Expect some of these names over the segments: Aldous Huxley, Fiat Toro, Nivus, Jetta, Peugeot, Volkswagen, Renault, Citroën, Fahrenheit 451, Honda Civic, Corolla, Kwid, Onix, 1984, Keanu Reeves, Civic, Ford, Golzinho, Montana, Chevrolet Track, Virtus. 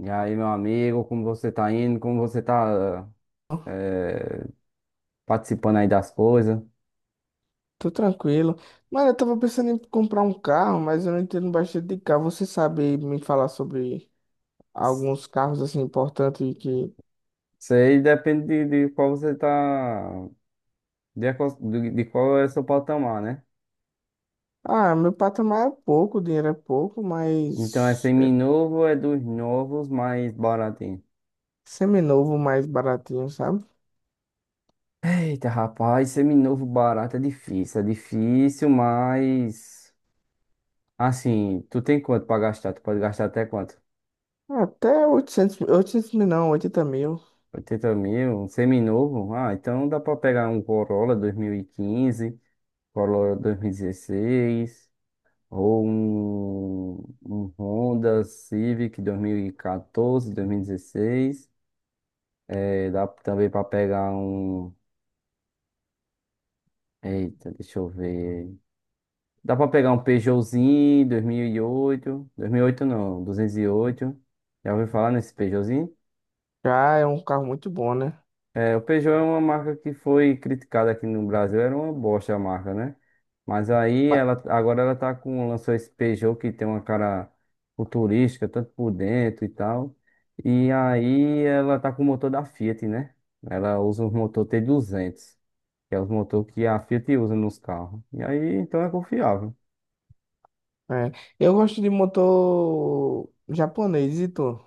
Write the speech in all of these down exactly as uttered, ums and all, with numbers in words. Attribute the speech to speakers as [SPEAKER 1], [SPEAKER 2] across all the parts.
[SPEAKER 1] E aí, meu amigo, como você tá indo? Como você tá eh, participando aí das coisas?
[SPEAKER 2] Tô tranquilo. Mano, eu tava pensando em comprar um carro, mas eu não entendo bastante de carro. Você sabe me falar sobre alguns carros assim importantes que.
[SPEAKER 1] Isso aí depende de, de qual você tá, de, a qual- de, de qual é o seu patamar, né?
[SPEAKER 2] Ah, meu patamar é pouco, o dinheiro é pouco,
[SPEAKER 1] Então é
[SPEAKER 2] mas é
[SPEAKER 1] seminovo, é dos novos, mas baratinho.
[SPEAKER 2] seminovo mais baratinho, sabe?
[SPEAKER 1] Eita, rapaz, seminovo barato é difícil, é difícil, mas assim, tu tem quanto pra gastar? Tu pode gastar até quanto?
[SPEAKER 2] Até oitocentos mil- oitocentos mil não, oitenta mil.
[SPEAKER 1] Oitenta mil, um seminovo? Ah, então dá pra pegar um Corolla dois mil e quinze Corolla dois mil e dezesseis, ou um, um Honda Civic dois mil e quatorze, dois mil e dezesseis. É, dá também para pegar um. Eita, deixa eu ver. Dá para pegar um Peugeotzinho dois mil e oito. dois mil e oito não, duzentos e oito. Já ouviu falar nesse Peugeotzinho?
[SPEAKER 2] Já é um carro muito bom, né?
[SPEAKER 1] É, o Peugeot é uma marca que foi criticada aqui no Brasil, era uma bosta a marca, né? Mas aí
[SPEAKER 2] Ba-
[SPEAKER 1] ela agora ela tá com lançou esse Peugeot que tem uma cara futurística, tanto por dentro e tal. E aí ela tá com o motor da Fiat, né? Ela usa o motor tê duzentos, que é o motor que a Fiat usa nos carros. E aí então é confiável.
[SPEAKER 2] é. Eu gosto de motor japonês e tu,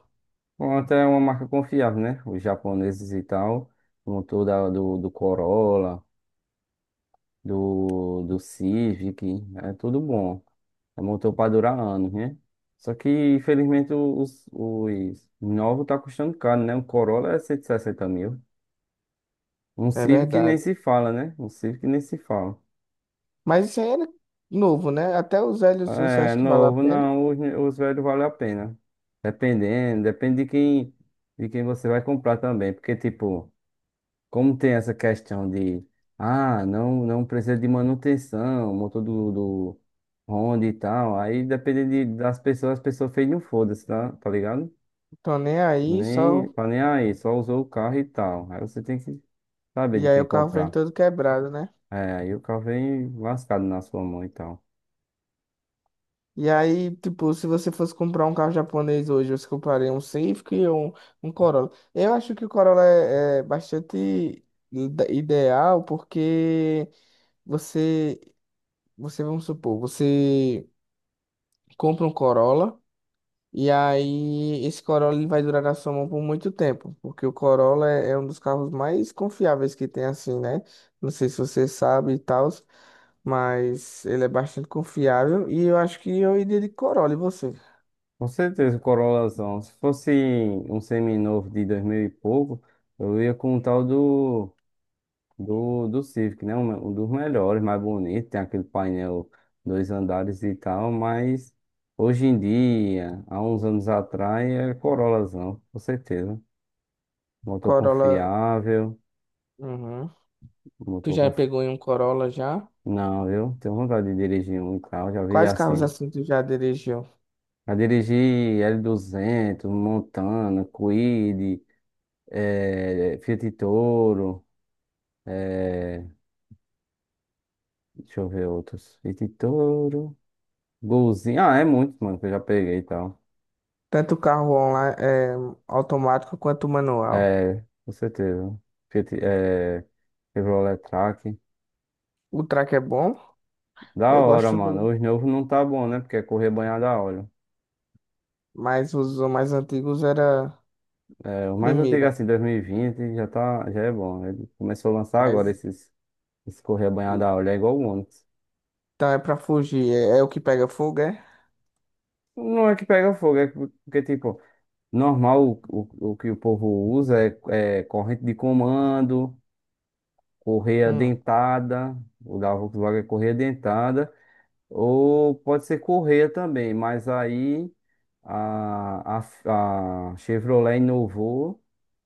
[SPEAKER 1] Honda é uma marca confiável, né? Os japoneses e tal, o motor da- do, do Corolla, do, do Civic, é tudo bom. Montou para durar anos, né? Só que, infelizmente, os, os novos tá custando caro, né? Um Corolla é cento e sessenta mil. Um
[SPEAKER 2] é
[SPEAKER 1] Civic nem
[SPEAKER 2] verdade.
[SPEAKER 1] se fala, né? Um Civic nem se fala.
[SPEAKER 2] Mas isso aí era novo, né? Até os velhos, você
[SPEAKER 1] É,
[SPEAKER 2] acha que vale a
[SPEAKER 1] novo,
[SPEAKER 2] pena?
[SPEAKER 1] não, os, os velhos vale a pena. Dependendo, depende de quem, de quem você vai comprar também. Porque, tipo, como tem essa questão de, ah, não, não precisa de manutenção, motor do, do Honda e tal. Aí, depende de, das pessoas, as pessoas fez um foda-se, tá? Tá ligado?
[SPEAKER 2] Tô nem aí,
[SPEAKER 1] Nem,
[SPEAKER 2] só.
[SPEAKER 1] tá nem aí, só usou o carro e tal. Aí você tem que saber
[SPEAKER 2] E
[SPEAKER 1] de
[SPEAKER 2] aí
[SPEAKER 1] quem
[SPEAKER 2] o carro vem
[SPEAKER 1] comprar.
[SPEAKER 2] todo quebrado, né?
[SPEAKER 1] É, aí o carro vem lascado na sua mão e tal.
[SPEAKER 2] E aí, tipo, se você fosse comprar um carro japonês hoje, você compraria um Civic ou um, um Corolla? Eu acho que o Corolla é, é bastante ide- ideal porque você, você, vamos supor, você compra um Corolla. E aí, esse Corolla ele vai durar na sua mão por muito tempo, porque o Corolla é, é um dos carros mais confiáveis que tem, assim, né? Não sei se você sabe e tal, mas ele é bastante confiável e eu acho que eu iria de Corolla, e você?
[SPEAKER 1] Com certeza, o Corolazão. Se fosse um seminovo de dois mil e pouco, eu ia com o tal do, do, do Civic, né? Um, um dos melhores, mais bonito. Tem aquele painel dois andares e tal, mas hoje em dia, há uns anos atrás, é Corolazão, com certeza. Motor
[SPEAKER 2] Corolla,
[SPEAKER 1] confiável,
[SPEAKER 2] uhum. Tu
[SPEAKER 1] motor
[SPEAKER 2] já
[SPEAKER 1] confiável.
[SPEAKER 2] pegou em um Corolla já?
[SPEAKER 1] Não, eu tenho vontade de dirigir um carro, já vi
[SPEAKER 2] Quais carros
[SPEAKER 1] assim.
[SPEAKER 2] assim tu já dirigiu?
[SPEAKER 1] Já dirigi éle duzentos Montana, Kwid, eh, Fiat Toro, eh, deixa eu ver outros. Fiat Toro, Golzinho, ah, é muito, mano, que eu já peguei e tal.
[SPEAKER 2] Tanto carro online, é, automático quanto manual.
[SPEAKER 1] É, com certeza. Fiat, eh, Chevrolet Track.
[SPEAKER 2] O Track é bom,
[SPEAKER 1] Da
[SPEAKER 2] eu
[SPEAKER 1] hora,
[SPEAKER 2] gosto
[SPEAKER 1] mano.
[SPEAKER 2] do,
[SPEAKER 1] Os novos não tá bom, né? Porque é correr banhado a óleo.
[SPEAKER 2] mas os mais antigos era
[SPEAKER 1] É, o mais antigo,
[SPEAKER 2] primeira,
[SPEAKER 1] assim, dois mil e vinte, já tá, já é bom. Ele começou a lançar agora
[SPEAKER 2] mas
[SPEAKER 1] esses. Escorrer a banhada a óleo é igual o Onix.
[SPEAKER 2] então é pra fugir, é, é o que pega fogo, é?
[SPEAKER 1] Não é que pega fogo, é que- porque, tipo, normal o, o, o que o povo usa é, é corrente de comando, correia
[SPEAKER 2] Hum,
[SPEAKER 1] dentada, o da Volkswagen é correia dentada, ou pode ser correia também, mas aí a, a, a Chevrolet inovou,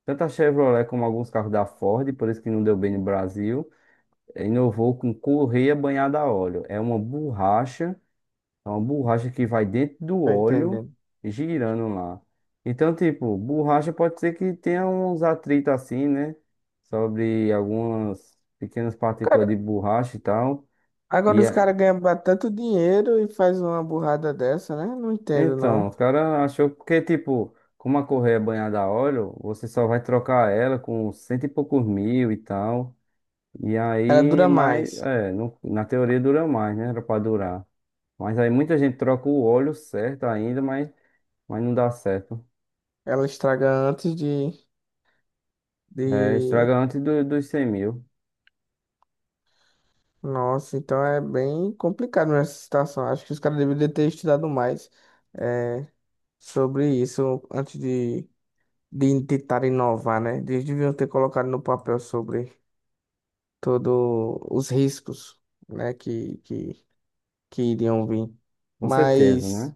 [SPEAKER 1] tanto a Chevrolet como alguns carros da Ford, por isso que não deu bem no Brasil, inovou com correia banhada a óleo. É uma borracha. É uma borracha que vai dentro do
[SPEAKER 2] tô
[SPEAKER 1] óleo
[SPEAKER 2] entendendo.
[SPEAKER 1] e girando lá. Então, tipo, borracha pode ser que tenha uns atritos assim, né? Sobre algumas pequenas partículas
[SPEAKER 2] Cara,
[SPEAKER 1] de borracha e tal.
[SPEAKER 2] agora
[SPEAKER 1] E
[SPEAKER 2] os
[SPEAKER 1] é-
[SPEAKER 2] caras ganham ba- tanto dinheiro e faz uma burrada dessa, né? Não entendo,
[SPEAKER 1] então,
[SPEAKER 2] não.
[SPEAKER 1] os caras achou porque, tipo, como a correia é banhada a óleo, você só vai trocar ela com cento e poucos mil e tal. E
[SPEAKER 2] Ela
[SPEAKER 1] aí,
[SPEAKER 2] dura
[SPEAKER 1] mas,
[SPEAKER 2] mais.
[SPEAKER 1] é, no- na teoria dura mais, né? Era pra durar. Mas aí muita gente troca o óleo certo ainda, mas, mas não dá certo.
[SPEAKER 2] Ela estraga antes de,
[SPEAKER 1] É,
[SPEAKER 2] de...
[SPEAKER 1] estraga antes do- dos cem mil,
[SPEAKER 2] Nossa, então é bem complicado nessa situação. Acho que os caras deveriam ter estudado mais é, sobre isso antes de, de tentar inovar, né? Eles deviam ter colocado no papel sobre todos os riscos, né? Que, que que iriam vir.
[SPEAKER 1] com certeza,
[SPEAKER 2] Mas,
[SPEAKER 1] né?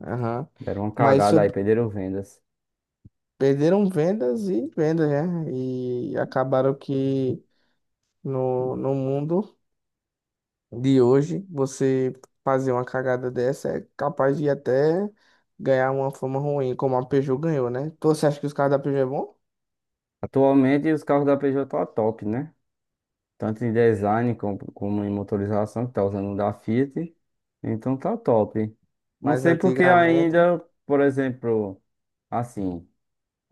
[SPEAKER 2] aham,
[SPEAKER 1] Deram uma
[SPEAKER 2] mas
[SPEAKER 1] cagada aí,
[SPEAKER 2] sub-
[SPEAKER 1] perderam vendas.
[SPEAKER 2] perderam vendas e vendas, né? E acabaram que no, no mundo de hoje, você fazer uma cagada dessa é capaz de até ganhar uma fama ruim, como a Peugeot ganhou, né? Então, você acha que os carros da Peugeot é bom?
[SPEAKER 1] Atualmente os carros da Peugeot tá top, né? Tanto em design como, como em motorização, que tá usando o da Fiat. Então tá top. Não
[SPEAKER 2] Mas
[SPEAKER 1] sei porque
[SPEAKER 2] antigamente,
[SPEAKER 1] ainda, por exemplo, assim,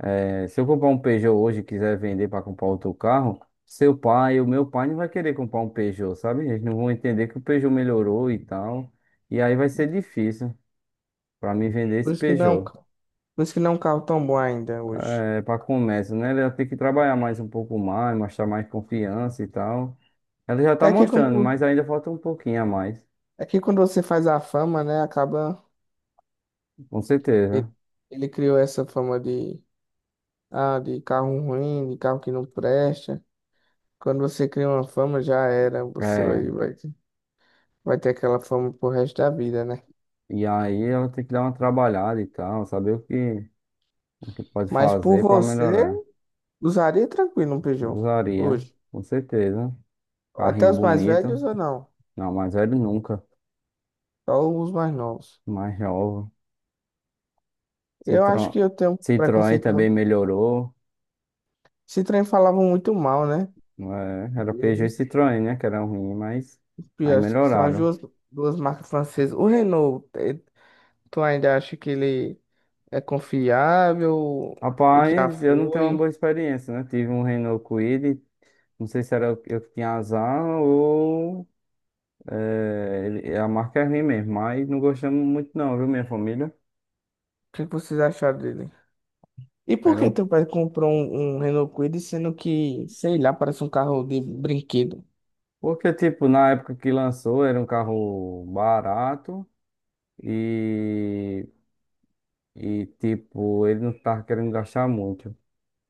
[SPEAKER 1] é, se eu comprar um Peugeot hoje e quiser vender para comprar outro carro, seu pai, o meu pai não vai querer comprar um Peugeot, sabe? Eles não vão entender que o Peugeot melhorou e tal. E aí vai ser difícil para mim vender
[SPEAKER 2] por
[SPEAKER 1] esse
[SPEAKER 2] isso que não, é um
[SPEAKER 1] Peugeot.
[SPEAKER 2] ca- por isso que não é um carro tão bom ainda hoje.
[SPEAKER 1] É, para começo, né? Ela tem que trabalhar mais um pouco mais, mostrar mais confiança e tal. Ela já tá
[SPEAKER 2] É que quando,
[SPEAKER 1] mostrando, mas ainda falta um pouquinho a mais,
[SPEAKER 2] é que quando você faz a fama, né, acaba
[SPEAKER 1] com
[SPEAKER 2] ele
[SPEAKER 1] certeza.
[SPEAKER 2] ele criou essa fama de ah, de carro ruim, de carro que não presta. Quando você cria uma fama, já era. Você vai,
[SPEAKER 1] É.
[SPEAKER 2] vai, vai ter aquela fama pro resto da vida, né?
[SPEAKER 1] E aí ela tem que dar uma trabalhada e tal, saber o que, o que pode
[SPEAKER 2] Mas por
[SPEAKER 1] fazer para
[SPEAKER 2] você,
[SPEAKER 1] melhorar.
[SPEAKER 2] usaria tranquilo um Peugeot.
[SPEAKER 1] Usaria,
[SPEAKER 2] Hoje.
[SPEAKER 1] com certeza.
[SPEAKER 2] Até
[SPEAKER 1] Carrinho
[SPEAKER 2] os mais
[SPEAKER 1] bonito.
[SPEAKER 2] velhos ou não?
[SPEAKER 1] Não, mais velho nunca.
[SPEAKER 2] Só os mais novos.
[SPEAKER 1] Mais jovem.
[SPEAKER 2] Eu acho
[SPEAKER 1] Citro...
[SPEAKER 2] que eu tenho um
[SPEAKER 1] Citroën
[SPEAKER 2] preconceito
[SPEAKER 1] também
[SPEAKER 2] muito.
[SPEAKER 1] melhorou.
[SPEAKER 2] Esse trem falava muito mal, né?
[SPEAKER 1] É, era Peugeot e
[SPEAKER 2] Dele.
[SPEAKER 1] Citroën, né? Que era ruim, mas
[SPEAKER 2] E
[SPEAKER 1] aí
[SPEAKER 2] acho que são as
[SPEAKER 1] melhoraram.
[SPEAKER 2] duas, duas marcas francesas. O Renault, eh, tu ainda acha que ele é confiável? Ele já
[SPEAKER 1] Rapaz, eu não tenho uma
[SPEAKER 2] foi.
[SPEAKER 1] boa experiência, né? Tive um Renault Kwid, não sei se era eu eu que tinha azar ou eh, ele- a marca é ruim mesmo, mas não gostamos muito não, viu, minha família?
[SPEAKER 2] O que que vocês acharam dele? E por
[SPEAKER 1] Era
[SPEAKER 2] que
[SPEAKER 1] um...
[SPEAKER 2] teu pai comprou um, um Renault Kwid, sendo que, sei lá, parece um carro de brinquedo?
[SPEAKER 1] Porque, tipo, na época que lançou, era um carro barato e, e tipo, ele não tava querendo gastar muito.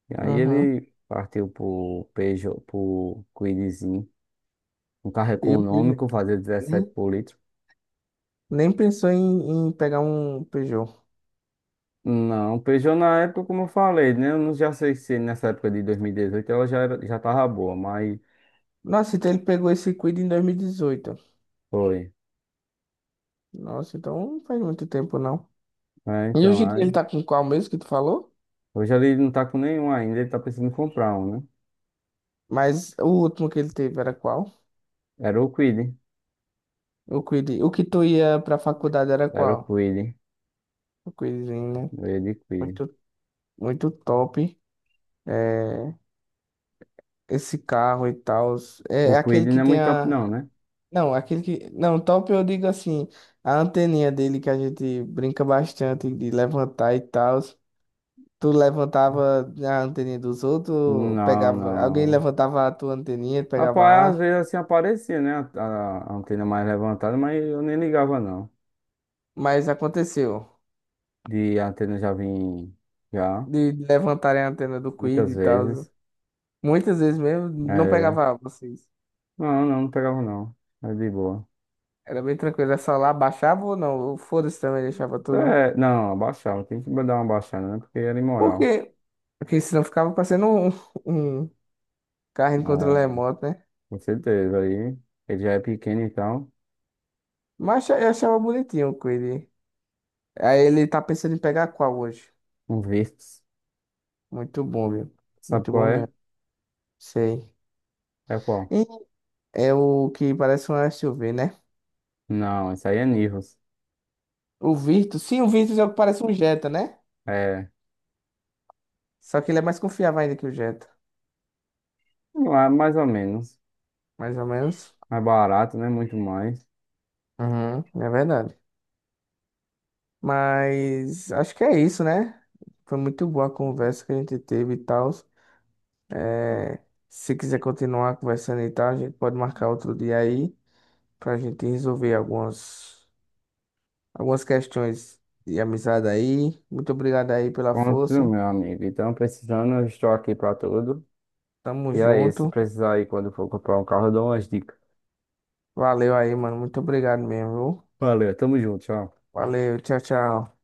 [SPEAKER 1] E aí
[SPEAKER 2] Uhum.
[SPEAKER 1] ele partiu pro Peugeot, pro Kwidzinho, um carro
[SPEAKER 2] E o Peugeot,
[SPEAKER 1] econômico, fazia
[SPEAKER 2] nem,
[SPEAKER 1] dezessete por litro.
[SPEAKER 2] nem pensou em, em pegar um Peugeot.
[SPEAKER 1] Não, Peugeot na época, como eu falei, né? Eu não já sei se nessa época de dois mil e dezoito ela já, era, já tava boa, mas
[SPEAKER 2] Nossa, então ele pegou esse Kwid em dois mil e dezoito.
[SPEAKER 1] foi.
[SPEAKER 2] Nossa, então não faz muito tempo, não.
[SPEAKER 1] É,
[SPEAKER 2] E
[SPEAKER 1] então,
[SPEAKER 2] hoje em dia ele
[SPEAKER 1] aí.
[SPEAKER 2] tá com qual mesmo que tu falou?
[SPEAKER 1] Hoje ele não tá com nenhum ainda, ele tá precisando comprar um, né?
[SPEAKER 2] Mas o último que ele teve era qual?
[SPEAKER 1] Era o Kwid,
[SPEAKER 2] O Kwid. O que tu ia pra faculdade era
[SPEAKER 1] era o
[SPEAKER 2] qual?
[SPEAKER 1] Kwid,
[SPEAKER 2] O Kwidzinho, né?
[SPEAKER 1] ele Kwid.
[SPEAKER 2] Muito, muito top. É, esse carro e tal. É,
[SPEAKER 1] O
[SPEAKER 2] é
[SPEAKER 1] Kwid
[SPEAKER 2] aquele
[SPEAKER 1] não
[SPEAKER 2] que
[SPEAKER 1] é
[SPEAKER 2] tem
[SPEAKER 1] muito top,
[SPEAKER 2] a.
[SPEAKER 1] não, né?
[SPEAKER 2] Não, aquele que. Não, top eu digo assim, a anteninha dele que a gente brinca bastante de levantar e tal. Tu levantava a anteninha dos outros, ou
[SPEAKER 1] Não,
[SPEAKER 2] pegava. Alguém
[SPEAKER 1] não.
[SPEAKER 2] levantava a tua anteninha, pegava
[SPEAKER 1] Rapaz, às
[SPEAKER 2] a.
[SPEAKER 1] vezes assim aparecia, né? A, a- a antena mais levantada, mas eu nem ligava, não.
[SPEAKER 2] Mas aconteceu.
[SPEAKER 1] De antena já vim, já,
[SPEAKER 2] De levantarem a antena do Quid
[SPEAKER 1] muitas
[SPEAKER 2] e tal.
[SPEAKER 1] vezes.
[SPEAKER 2] Muitas vezes mesmo, não
[SPEAKER 1] É,
[SPEAKER 2] pegava A, vocês.
[SPEAKER 1] não, não, não pegava, não. É de boa.
[SPEAKER 2] Era bem tranquilo, era só lá, baixava ou não. Foda-se também, deixava tudo.
[SPEAKER 1] É, não, abaixava, tem que dar uma baixada, né? Porque era imoral.
[SPEAKER 2] Porque, porque senão ficava parecendo um, carrinho de controle
[SPEAKER 1] É,
[SPEAKER 2] remoto, né?
[SPEAKER 1] com certeza. Aí ele já é pequeno, então.
[SPEAKER 2] Mas eu achava bonitinho o Quid. Aí ele tá pensando em pegar qual hoje?
[SPEAKER 1] Um Virtus.
[SPEAKER 2] Muito bom, viu?
[SPEAKER 1] Sabe
[SPEAKER 2] Muito
[SPEAKER 1] qual
[SPEAKER 2] bom
[SPEAKER 1] é?
[SPEAKER 2] mesmo. Sei.
[SPEAKER 1] É qual?
[SPEAKER 2] E é o que parece um S U V, né?
[SPEAKER 1] Não, isso aí é Nivus.
[SPEAKER 2] O Virtus. Sim, o Virtus é o que parece um Jetta, né?
[SPEAKER 1] É,
[SPEAKER 2] Só que ele é mais confiável ainda que o Jetta.
[SPEAKER 1] lá, mais ou menos.
[SPEAKER 2] Mais ou menos.
[SPEAKER 1] É barato, né? Muito mais.
[SPEAKER 2] Uhum, é verdade. Mas acho que é isso, né? Foi muito boa a conversa que a gente teve e tal. É, se quiser continuar conversando e tal, a gente pode marcar outro dia aí. Pra gente resolver algumas, algumas questões de amizade aí. Muito obrigado aí pela
[SPEAKER 1] Pronto,
[SPEAKER 2] força.
[SPEAKER 1] meu amigo. Então, precisando, eu estou aqui pra tudo.
[SPEAKER 2] Tamo
[SPEAKER 1] E aí, se
[SPEAKER 2] junto.
[SPEAKER 1] precisar aí, quando for comprar um carro, eu dou umas dicas.
[SPEAKER 2] Valeu aí, mano. Muito obrigado mesmo, viu?
[SPEAKER 1] Valeu, tamo junto, tchau.
[SPEAKER 2] Valeu, tchau, tchau.